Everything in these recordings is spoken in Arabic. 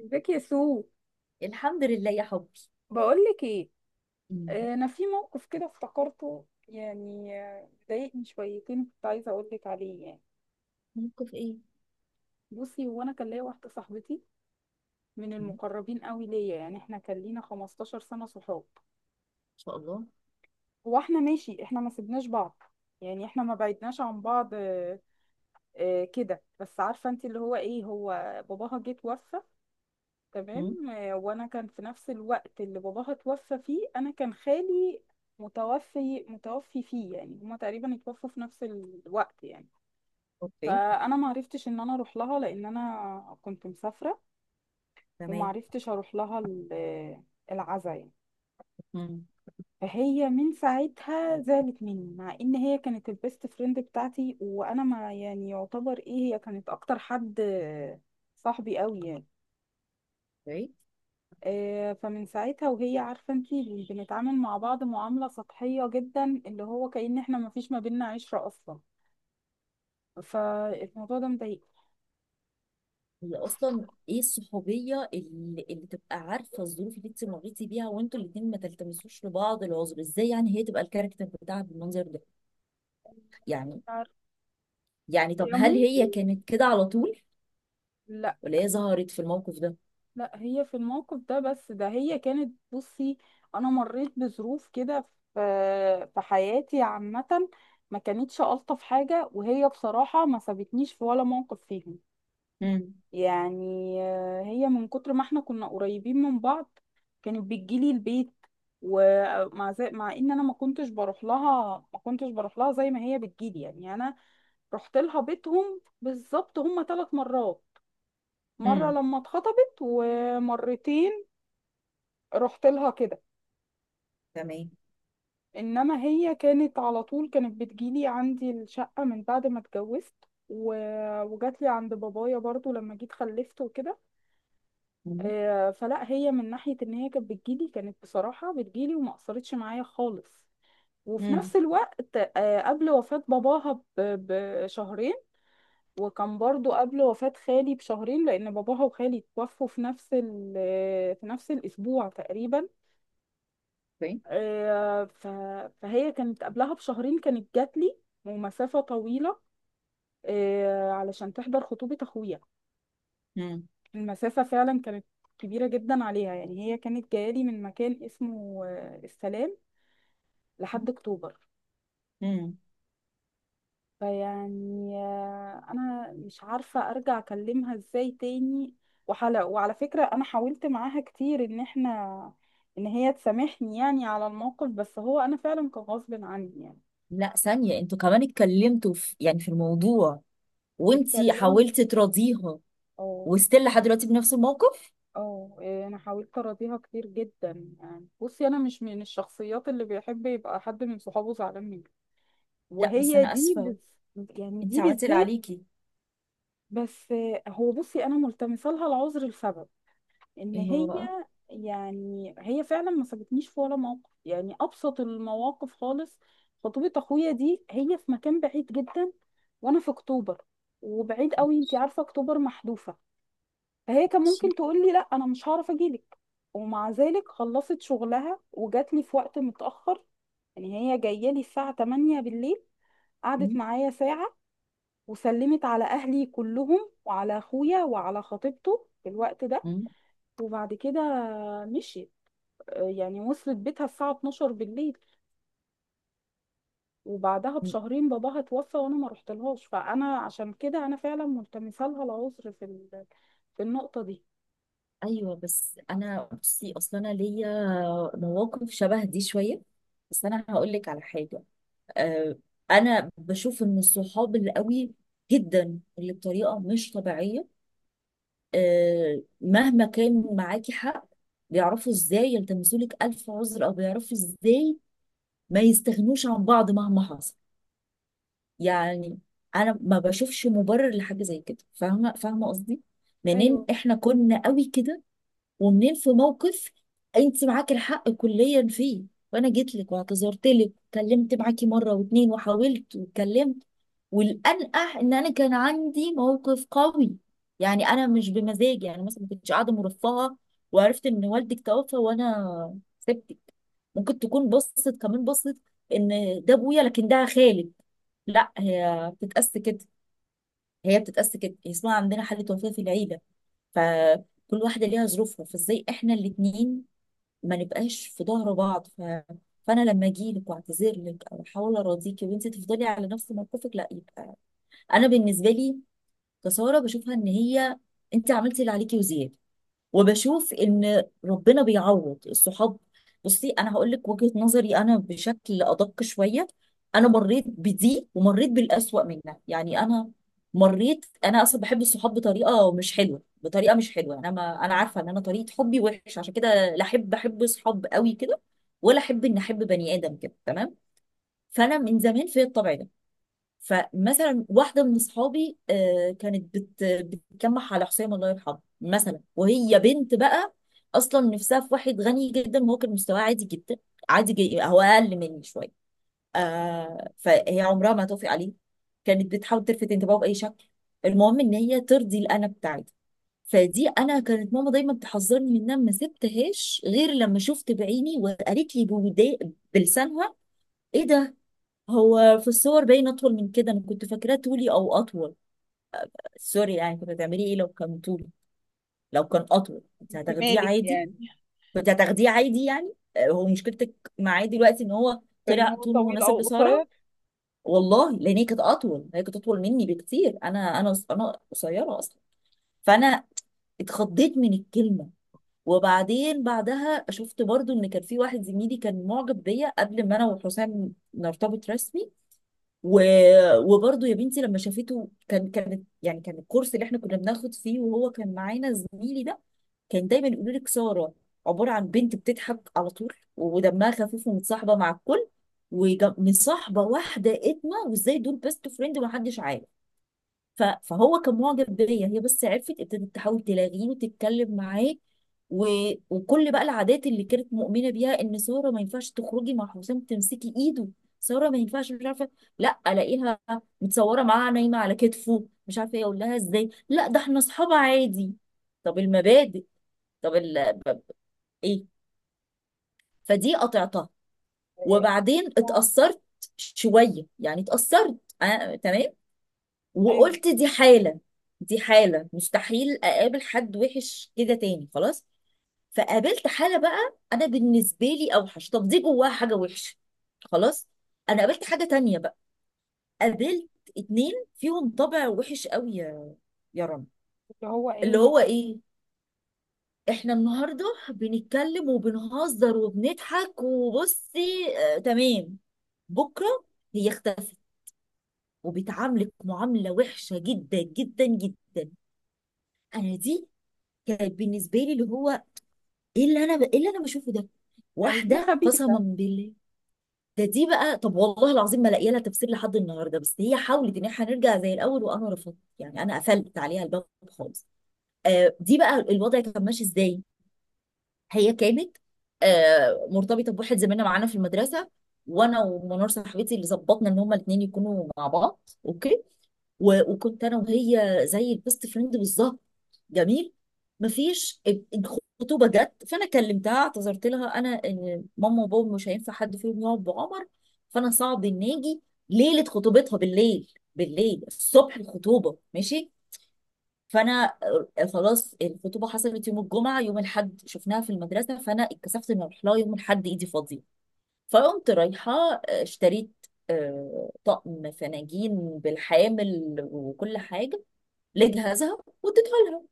ازيك يا سو؟ الحمد لله يا حبي. بقول لك ايه. مم. انا في موقف كده افتكرته، يعني ضايقني شويتين، كنت عايزه اقول لك عليه يعني. موقف ايه؟ بصي، هو انا كان ليا واحده صاحبتي من مم. ان المقربين قوي ليا، يعني احنا كان لينا 15 سنه صحاب. شاء الله. هو احنا ماشي، احنا ما سيبناش بعض يعني، احنا ما بعدناش عن بعض. كده، بس عارفه انت اللي هو ايه، هو باباها جه توفى، مم. تمام. وانا كان في نفس الوقت اللي باباها توفى فيه، انا كان خالي متوفي فيه، يعني هما تقريبا اتوفوا في نفس الوقت يعني. اوكي. فانا ما عرفتش ان انا اروح لها، لان انا كنت مسافره وما تمام. عرفتش اروح لها العزاء يعني. مم. فهي من ساعتها زعلت مني، مع ان هي كانت البيست فريند بتاعتي، وانا ما يعني يعتبر ايه، هي كانت اكتر حد صاحبي قوي يعني. اوكي. فمن ساعتها وهي عارفة انتي بنتعامل مع بعض معاملة سطحية جدا، اللي هو كأن احنا مفيش ما بينا عشرة أصلا، فالموضوع ده مضايق. هي اصلا ايه الصحوبيه اللي تبقى عارفه الظروف اللي انت مريتي بيها وانتوا الاثنين ما تلتمسوش لبعض العذر ازاي، يعني هي تبقى الكاركتر بتاعها بالمنظر ده يعني عارف- يعني طب يا هل هي ممكن كانت كده على طول لا. ولا هي ظهرت في الموقف ده؟ لا هي في الموقف ده بس ده، هي كانت، بصي أنا مريت بظروف كده في حياتي عامة، ما كانتش ألطف حاجة، وهي بصراحة ما سابتنيش في ولا موقف فيهم. مم. يعني هي من كتر ما احنا كنا قريبين من بعض، كانت بتجيلي البيت، ومع زي مع ان انا ما كنتش بروح لها، ما كنتش بروح لها زي ما هي بتجيلي، يعني يعني انا رحت لها بيتهم بالظبط هما ثلاث مرات، مرة مم. لما اتخطبت ومرتين رحت لها كده. تمام. انما هي كانت على طول كانت بتجيلي عندي الشقة من بعد ما اتجوزت، و... وجات لي عند بابايا برضو لما جيت خلفت وكده. مم. فلا هي من ناحية ان هي كانت بتجيلي، كانت بصراحة بتجيلي وما قصرتش معايا خالص. وفي مم. نفس الوقت قبل وفاة باباها بشهرين، وكان برضو قبل وفاة خالي بشهرين، لأن باباها وخالي توفوا في نفس في نفس الأسبوع تقريبا. اوكي. آه، ف- فهي كانت قبلها بشهرين كانت جاتلي ومسافة طويلة، علشان تحضر خطوبة أخويا. مم. المسافة فعلا كانت كبيرة جدا عليها، يعني هي كانت جايالي من مكان اسمه السلام لحد أكتوبر. مم. فيعني أنا مش عارفة أرجع أكلمها إزاي تاني. وحلا وعلى فكرة أنا حاولت معاها كتير إن هي تسامحني يعني على الموقف، بس هو أنا فعلا كان غصب عني يعني. لا ثانيه، انتوا كمان اتكلمتوا في يعني في الموضوع وانتي اتكلمت. حاولتي تراضيها؟ اه. وستيل لحد دلوقتي بنفس الموقف؟ اه انا حاولت اراضيها كتير جدا. يعني بصي انا مش من الشخصيات اللي بيحب يبقى حد من صحابه زعلان منه، لا بس وهي انا دي اسفه، يعني انت دي عملتي اللي بالذات. عليكي. بس هو بصي انا ملتمسه لها العذر لسبب ان ايه هو هي، بقى؟ يعني هي فعلا ما سابتنيش في ولا موقف، يعني ابسط المواقف خالص. خطوبه اخويا دي هي في مكان بعيد جدا، وانا في اكتوبر وبعيد قوي، انتي عارفه اكتوبر محذوفه، فهي كان ماشي. ممكن تقول لي لا انا مش هعرف اجيلك. ومع ذلك خلصت شغلها وجات لي في وقت متاخر، يعني هي جايه لي الساعه 8 بالليل، قعدت مم. معايا ساعة وسلمت على اهلي كلهم وعلى اخويا وعلى خطيبته في الوقت ده. مم. وبعد كده مشيت. يعني وصلت بيتها الساعة 12 بالليل. وبعدها مم. بشهرين باباها توفى وانا ما رحتلهاش، فانا عشان كده انا فعلا ملتمسه لها العذر في في النقطة دي. ايوه، بس انا بصي اصلا انا ليا مواقف شبه دي شويه، بس انا هقول لك على حاجه. أه، انا بشوف ان الصحاب اللي قوي جدا اللي بطريقه مش طبيعيه، أه مهما كان معاكي حق، بيعرفوا ازاي يلتمسوا لك الف عذر، او بيعرفوا ازاي ما يستغنوش عن بعض مهما حصل يعني. انا ما بشوفش مبرر لحاجه زي كده، فاهمه فاهمه قصدي؟ منين ايوه. احنا كنا قوي كده، ومنين في موقف انت معاكي الحق كليا فيه، وانا جيت لك واعتذرت لك وكلمت معاكي مره واتنين وحاولت واتكلمت. والانقح ان انا كان عندي موقف قوي، يعني انا مش بمزاجي، يعني مثلا ما كنتش قاعده مرفهه وعرفت ان والدك توفى وانا سبتك. ممكن تكون بصت، كمان بصت ان ده ابويا لكن ده خالد. لا، هي بتتقاس كده، هي بتتقاس كده، هي اسمها عندنا حالة وفاة في العيلة، فكل واحدة ليها ظروفها، فازاي احنا الاتنين ما نبقاش في ظهر بعض؟ فانا لما اجي لك واعتذر لك او احاول اراضيكي وانت تفضلي على نفس موقفك، لا يبقى انا بالنسبة لي كسارة بشوفها، ان هي انت عملتي اللي عليكي وزيادة، وبشوف ان ربنا بيعوض الصحاب. بصي، انا هقول لك وجهة نظري انا بشكل ادق شوية. انا مريت بدي ومريت بالاسوأ منها يعني، انا مريت، انا اصلا بحب الصحاب بطريقه مش حلوه، بطريقه مش حلوه يعني، انا ما انا عارفه ان انا طريقه حبي وحش، عشان كده لا احب احب صحاب قوي كده، ولا احب ان احب بني ادم كده، تمام. فانا من زمان في الطبع ده. فمثلا واحده من اصحابي كانت بتكمح على حسام الله يرحمه مثلا، وهي بنت بقى اصلا نفسها في واحد غني جدا، وهو كان مستواه عادي جدا، عادي جي، هو اقل مني شويه. فهي عمرها ما هتوافق عليه، كانت بتحاول تلفت انتباهه باي شكل، المهم ان هي ترضي الانا بتاعتها. فدي انا كانت ماما دايما تحذرني منها، ما سبتهاش غير لما شفت بعيني وقالت لي بلسانها. ايه ده، هو في الصور باين اطول من كده، انا كنت فاكراه طولي او اطول. سوري، يعني كنت هتعملي ايه لو كان طولي؟ لو كان اطول كنت انت هتاخديه مالك عادي؟ يعني؟ كنت هتاخديه عادي يعني، هو مشكلتك معاه دلوقتي ان هو فان طلع هو طوله طويل مناسب او قصير. لسارة؟ والله لان هي كانت اطول، هي كانت اطول مني بكتير، انا قصيره اصلا. فانا اتخضيت من الكلمه. وبعدين بعدها شفت برضو ان كان في واحد زميلي كان معجب بيا قبل ما انا وحسام نرتبط رسمي. و... وبرضه يا بنتي لما شافته كان كانت يعني كان الكورس اللي احنا كنا بناخد فيه وهو كان معانا زميلي ده. كان دايما يقول لك ساره عباره عن بنت بتضحك على طول ودمها خفيف ومتصاحبه مع الكل، ومصاحبه واحده اتمه، وازاي دول بيست فريند ومحدش عارف. فهو كان معجب بيا هي، بس عرفت ابتدت تحاول تلاغيه وتتكلم معاه. و... وكل بقى العادات اللي كانت مؤمنه بيها ان ساره ما ينفعش تخرجي مع حسام تمسكي ايده، ساره ما ينفعش، مش عارفه. لا الاقيها متصوره معاه نايمه على كتفه مش عارفه ايه، اقول لها ازاي؟ لا ده احنا اصحاب عادي. طب المبادئ؟ طب ايه؟ فدي قطعتها. وبعدين آه، اتأثرت شويه يعني، اتأثرت تمام. ايوه. وقلت دي حالة، دي حالة مستحيل أقابل حد وحش كده تاني خلاص. فقابلت حالة بقى أنا بالنسبة لي أوحش، طب دي جواها حاجة وحشة خلاص. أنا قابلت حاجة تانية بقى، قابلت اتنين فيهم طبع وحش قوي يا رنا. اللي هو اللي ايه؟ هو إيه؟ إحنا النهاردة بنتكلم وبنهزر وبنضحك وبصي آه تمام، بكرة هي اختفت وبتعاملك معاملة وحشة جدا جدا جدا. انا دي كانت بالنسبه لي، اللي هو ايه اللي انا ايه اللي انا بشوفه ده، اهي دي واحده قسما خبيثة. بالله. دي بقى، طب والله العظيم ما لاقيه لها تفسير لحد النهارده، بس هي حاولت ان احنا نرجع زي الاول وانا رفضت، يعني انا قفلت عليها الباب خالص. دي بقى الوضع كان ماشي ازاي؟ هي كانت مرتبطه بواحد زميلنا معانا في المدرسه، وانا ومنار صاحبتي اللي ظبطنا ان هما الاثنين يكونوا مع بعض. اوكي. وكنت انا وهي زي البيست فريند بالظبط. جميل. مفيش الخطوبه جت، فانا كلمتها اعتذرت لها انا إن ماما وبابا مش هينفع حد فيهم يقعد بعمر، فانا صعب ان اجي ليله خطوبتها بالليل، بالليل الصبح الخطوبه ماشي. فانا خلاص الخطوبه حصلت يوم الجمعه، يوم الاحد شفناها في المدرسه، فانا اتكسفت ان اروح لها يوم الاحد ايدي فاضيه. فقمت رايحه اشتريت طقم فناجين بالحامل وكل حاجه لجهازها واديته لها.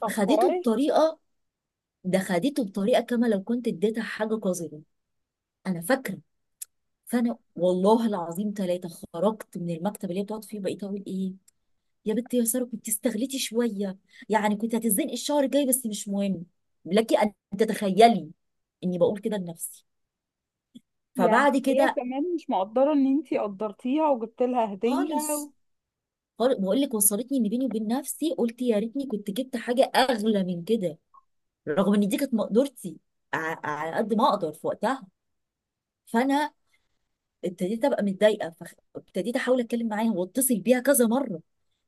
طب خدته كويس. بطريقه، ده خدته بطريقه كما لو كنت اديتها حاجه قذره انا فاكره. فانا والله العظيم ثلاثه خرجت من المكتب اللي هي بتقعد فيه، بقيت اقول ايه، يا بنت يا ساره كنت استغلتي شويه، يعني كنت هتتزنقي الشهر الجاي بس مش مهم، لك ان تتخيلي اني بقول كده لنفسي. يعني فبعد هي كده، كمان مش مقدرة ان انتي قدرتيها وجبت لها هدية. خالص بقول لك، وصلتني ان بيني وبين نفسي قلت يا ريتني كنت جبت حاجه اغلى من كده، رغم ان دي كانت مقدرتي على قد ما اقدر في وقتها. فانا ابتديت ابقى متضايقه، فابتديت احاول اتكلم معاها واتصل بيها كذا مره،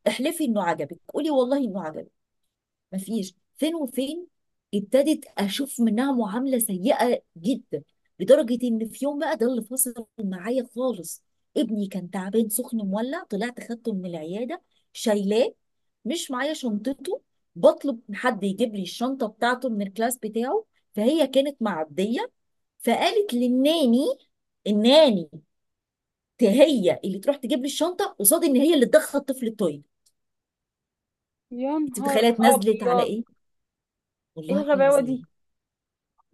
احلفي انه عجبك، قولي والله انه عجبك، مفيش فين وفين. ابتدت اشوف منها معامله سيئه جدا، لدرجه ان في يوم بقى ده اللي فصل معايا خالص. ابني كان تعبان سخن مولع، طلعت خدته من العياده شايلاه مش معايا شنطته، بطلب من حد يجيب لي الشنطه بتاعته من الكلاس بتاعه. فهي كانت معديه، فقالت للناني، الناني هي اللي تروح تجيب لي الشنطه، قصاد ان هي اللي تدخل الطفل التويليت. يا انت نهار متخيله اتنزلت على ابيض! ايه؟ ايه والله الغباوه دي؟ العظيم،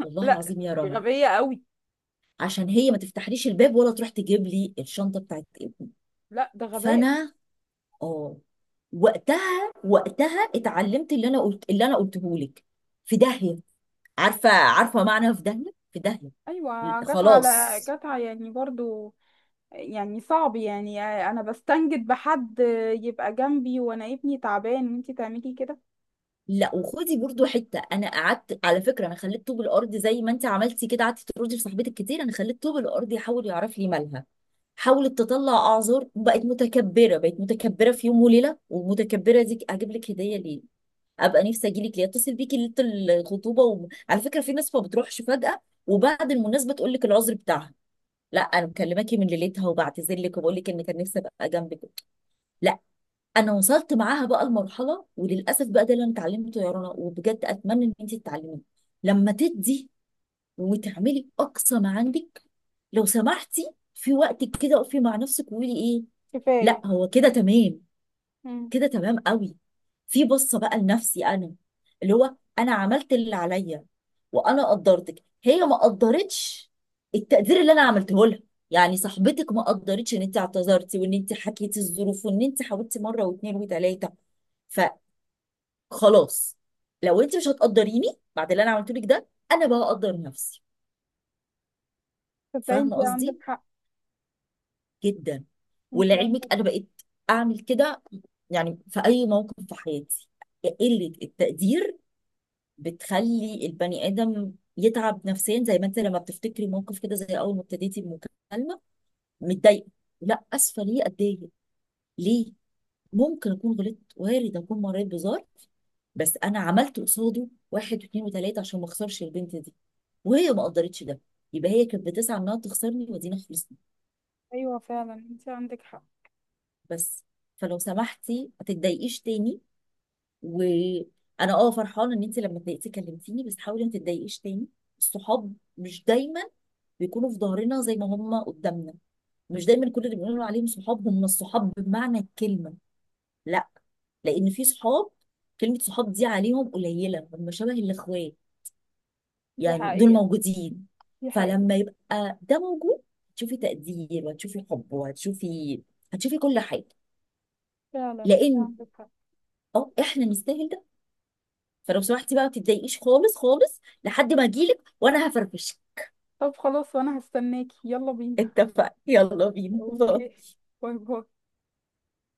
والله لا العظيم يا دي رنا. غبيه قوي. عشان هي ما تفتحليش الباب ولا تروح تجيب لي الشنطه بتاعت ابني. لا ده غباء. فانا اه وقتها، وقتها اتعلمت، اللي انا قلته لك، في داهيه. عارفه عارفه معنى في داهيه؟ في داهيه. ايوه، جت على خلاص. جت على يعني برضو. يعني صعب، يعني انا بستنجد بحد يبقى جنبي وانا ابني تعبان وانتي تعملي كده. لا وخدي برضو حته، انا قعدت على فكره، انا خليت طوب الارض زي ما انت عملتي كده قعدتي تردي لصاحبتك كتير، انا خليت طوب الارض يحاول يعرف لي مالها. حاولت تطلع اعذار وبقت متكبره، بقت متكبره في يوم وليله، والمتكبره دي اجيب لك هديه ليه؟ ابقى نفسي اجي لك ليه؟ اتصل بيكي ليله الخطوبه، وعلى فكره في ناس ما بتروحش فجاه وبعد المناسبه تقول لك العذر بتاعها، لا انا مكلماكي من ليلتها، وبعتذر لك وبقول لك ان كان نفسي ابقى جنبك. لا، انا وصلت معاها بقى المرحله، وللاسف بقى ده اللي انا اتعلمته يا رنا، وبجد اتمنى ان انت تتعلميه. لما تدي وتعملي اقصى ما عندك، لو سمحتي في وقتك كده اقفي مع نفسك وقولي ايه، لا كفايه. هو كده تمام، امم. كده تمام قوي. في بصه بقى لنفسي انا، اللي هو انا عملت اللي عليا، وانا قدرتك هي ما قدرتش التقدير اللي انا عملته لها. يعني صاحبتك ما قدرتش ان انت اعتذرتي وان انت حكيتي الظروف وان انت حاولتي مره واثنين وثلاثه، فخلاص، لو انت مش هتقدريني بعد اللي انا عملته لك ده، انا بقى اقدر نفسي. تصدقي فاهمه انتي عندك قصدي؟ حق. جدا. انتي عندك. ولعلمك انا بقيت اعمل كده، يعني في اي موقف في حياتي، قله التقدير بتخلي البني ادم يتعب نفسيا، زي ما انت لما بتفتكري موقف كده زي اول ما ابتديتي المكالمه متضايقه. لا، اسفه، ليه اتضايق ليه؟ ممكن اكون غلطت، وارد اكون مريت بظرف، بس انا عملت قصاده واحد واثنين وثلاثه عشان ما اخسرش البنت دي، وهي ما قدرتش ده، يبقى هي كانت بتسعى انها تخسرني، ودينا خلصنا ايوه فعلا انتي عندك حق. بس. فلو سمحتي ما تتضايقيش تاني، وانا فرحانه ان انت لما اتضايقتي كلمتيني، بس حاولي ما تتضايقيش تاني. الصحاب مش دايما بيكونوا في ظهرنا زي ما هم قدامنا، مش دايما كل اللي بنقول عليهم صحاب هم الصحاب بمعنى الكلمه، لا، لان في صحاب، كلمه صحاب دي عليهم قليله، هم شبه الاخوات، دي يعني دول حقيقه. موجودين. دي حقيقه. فلما يبقى ده موجود، هتشوفي تقدير وهتشوفي حب وهتشوفي كل حاجه، فعلا انتي لان عندك حق. اه احنا نستاهل ده. فلو سمحتي بقى ما تتضايقيش خالص خالص لحد ما اجيلك، وانا هفرفشك. طب خلاص، وانا هستناكي، يلا بينا. اتفقنا، يلا بينا. اوكي. باي باي.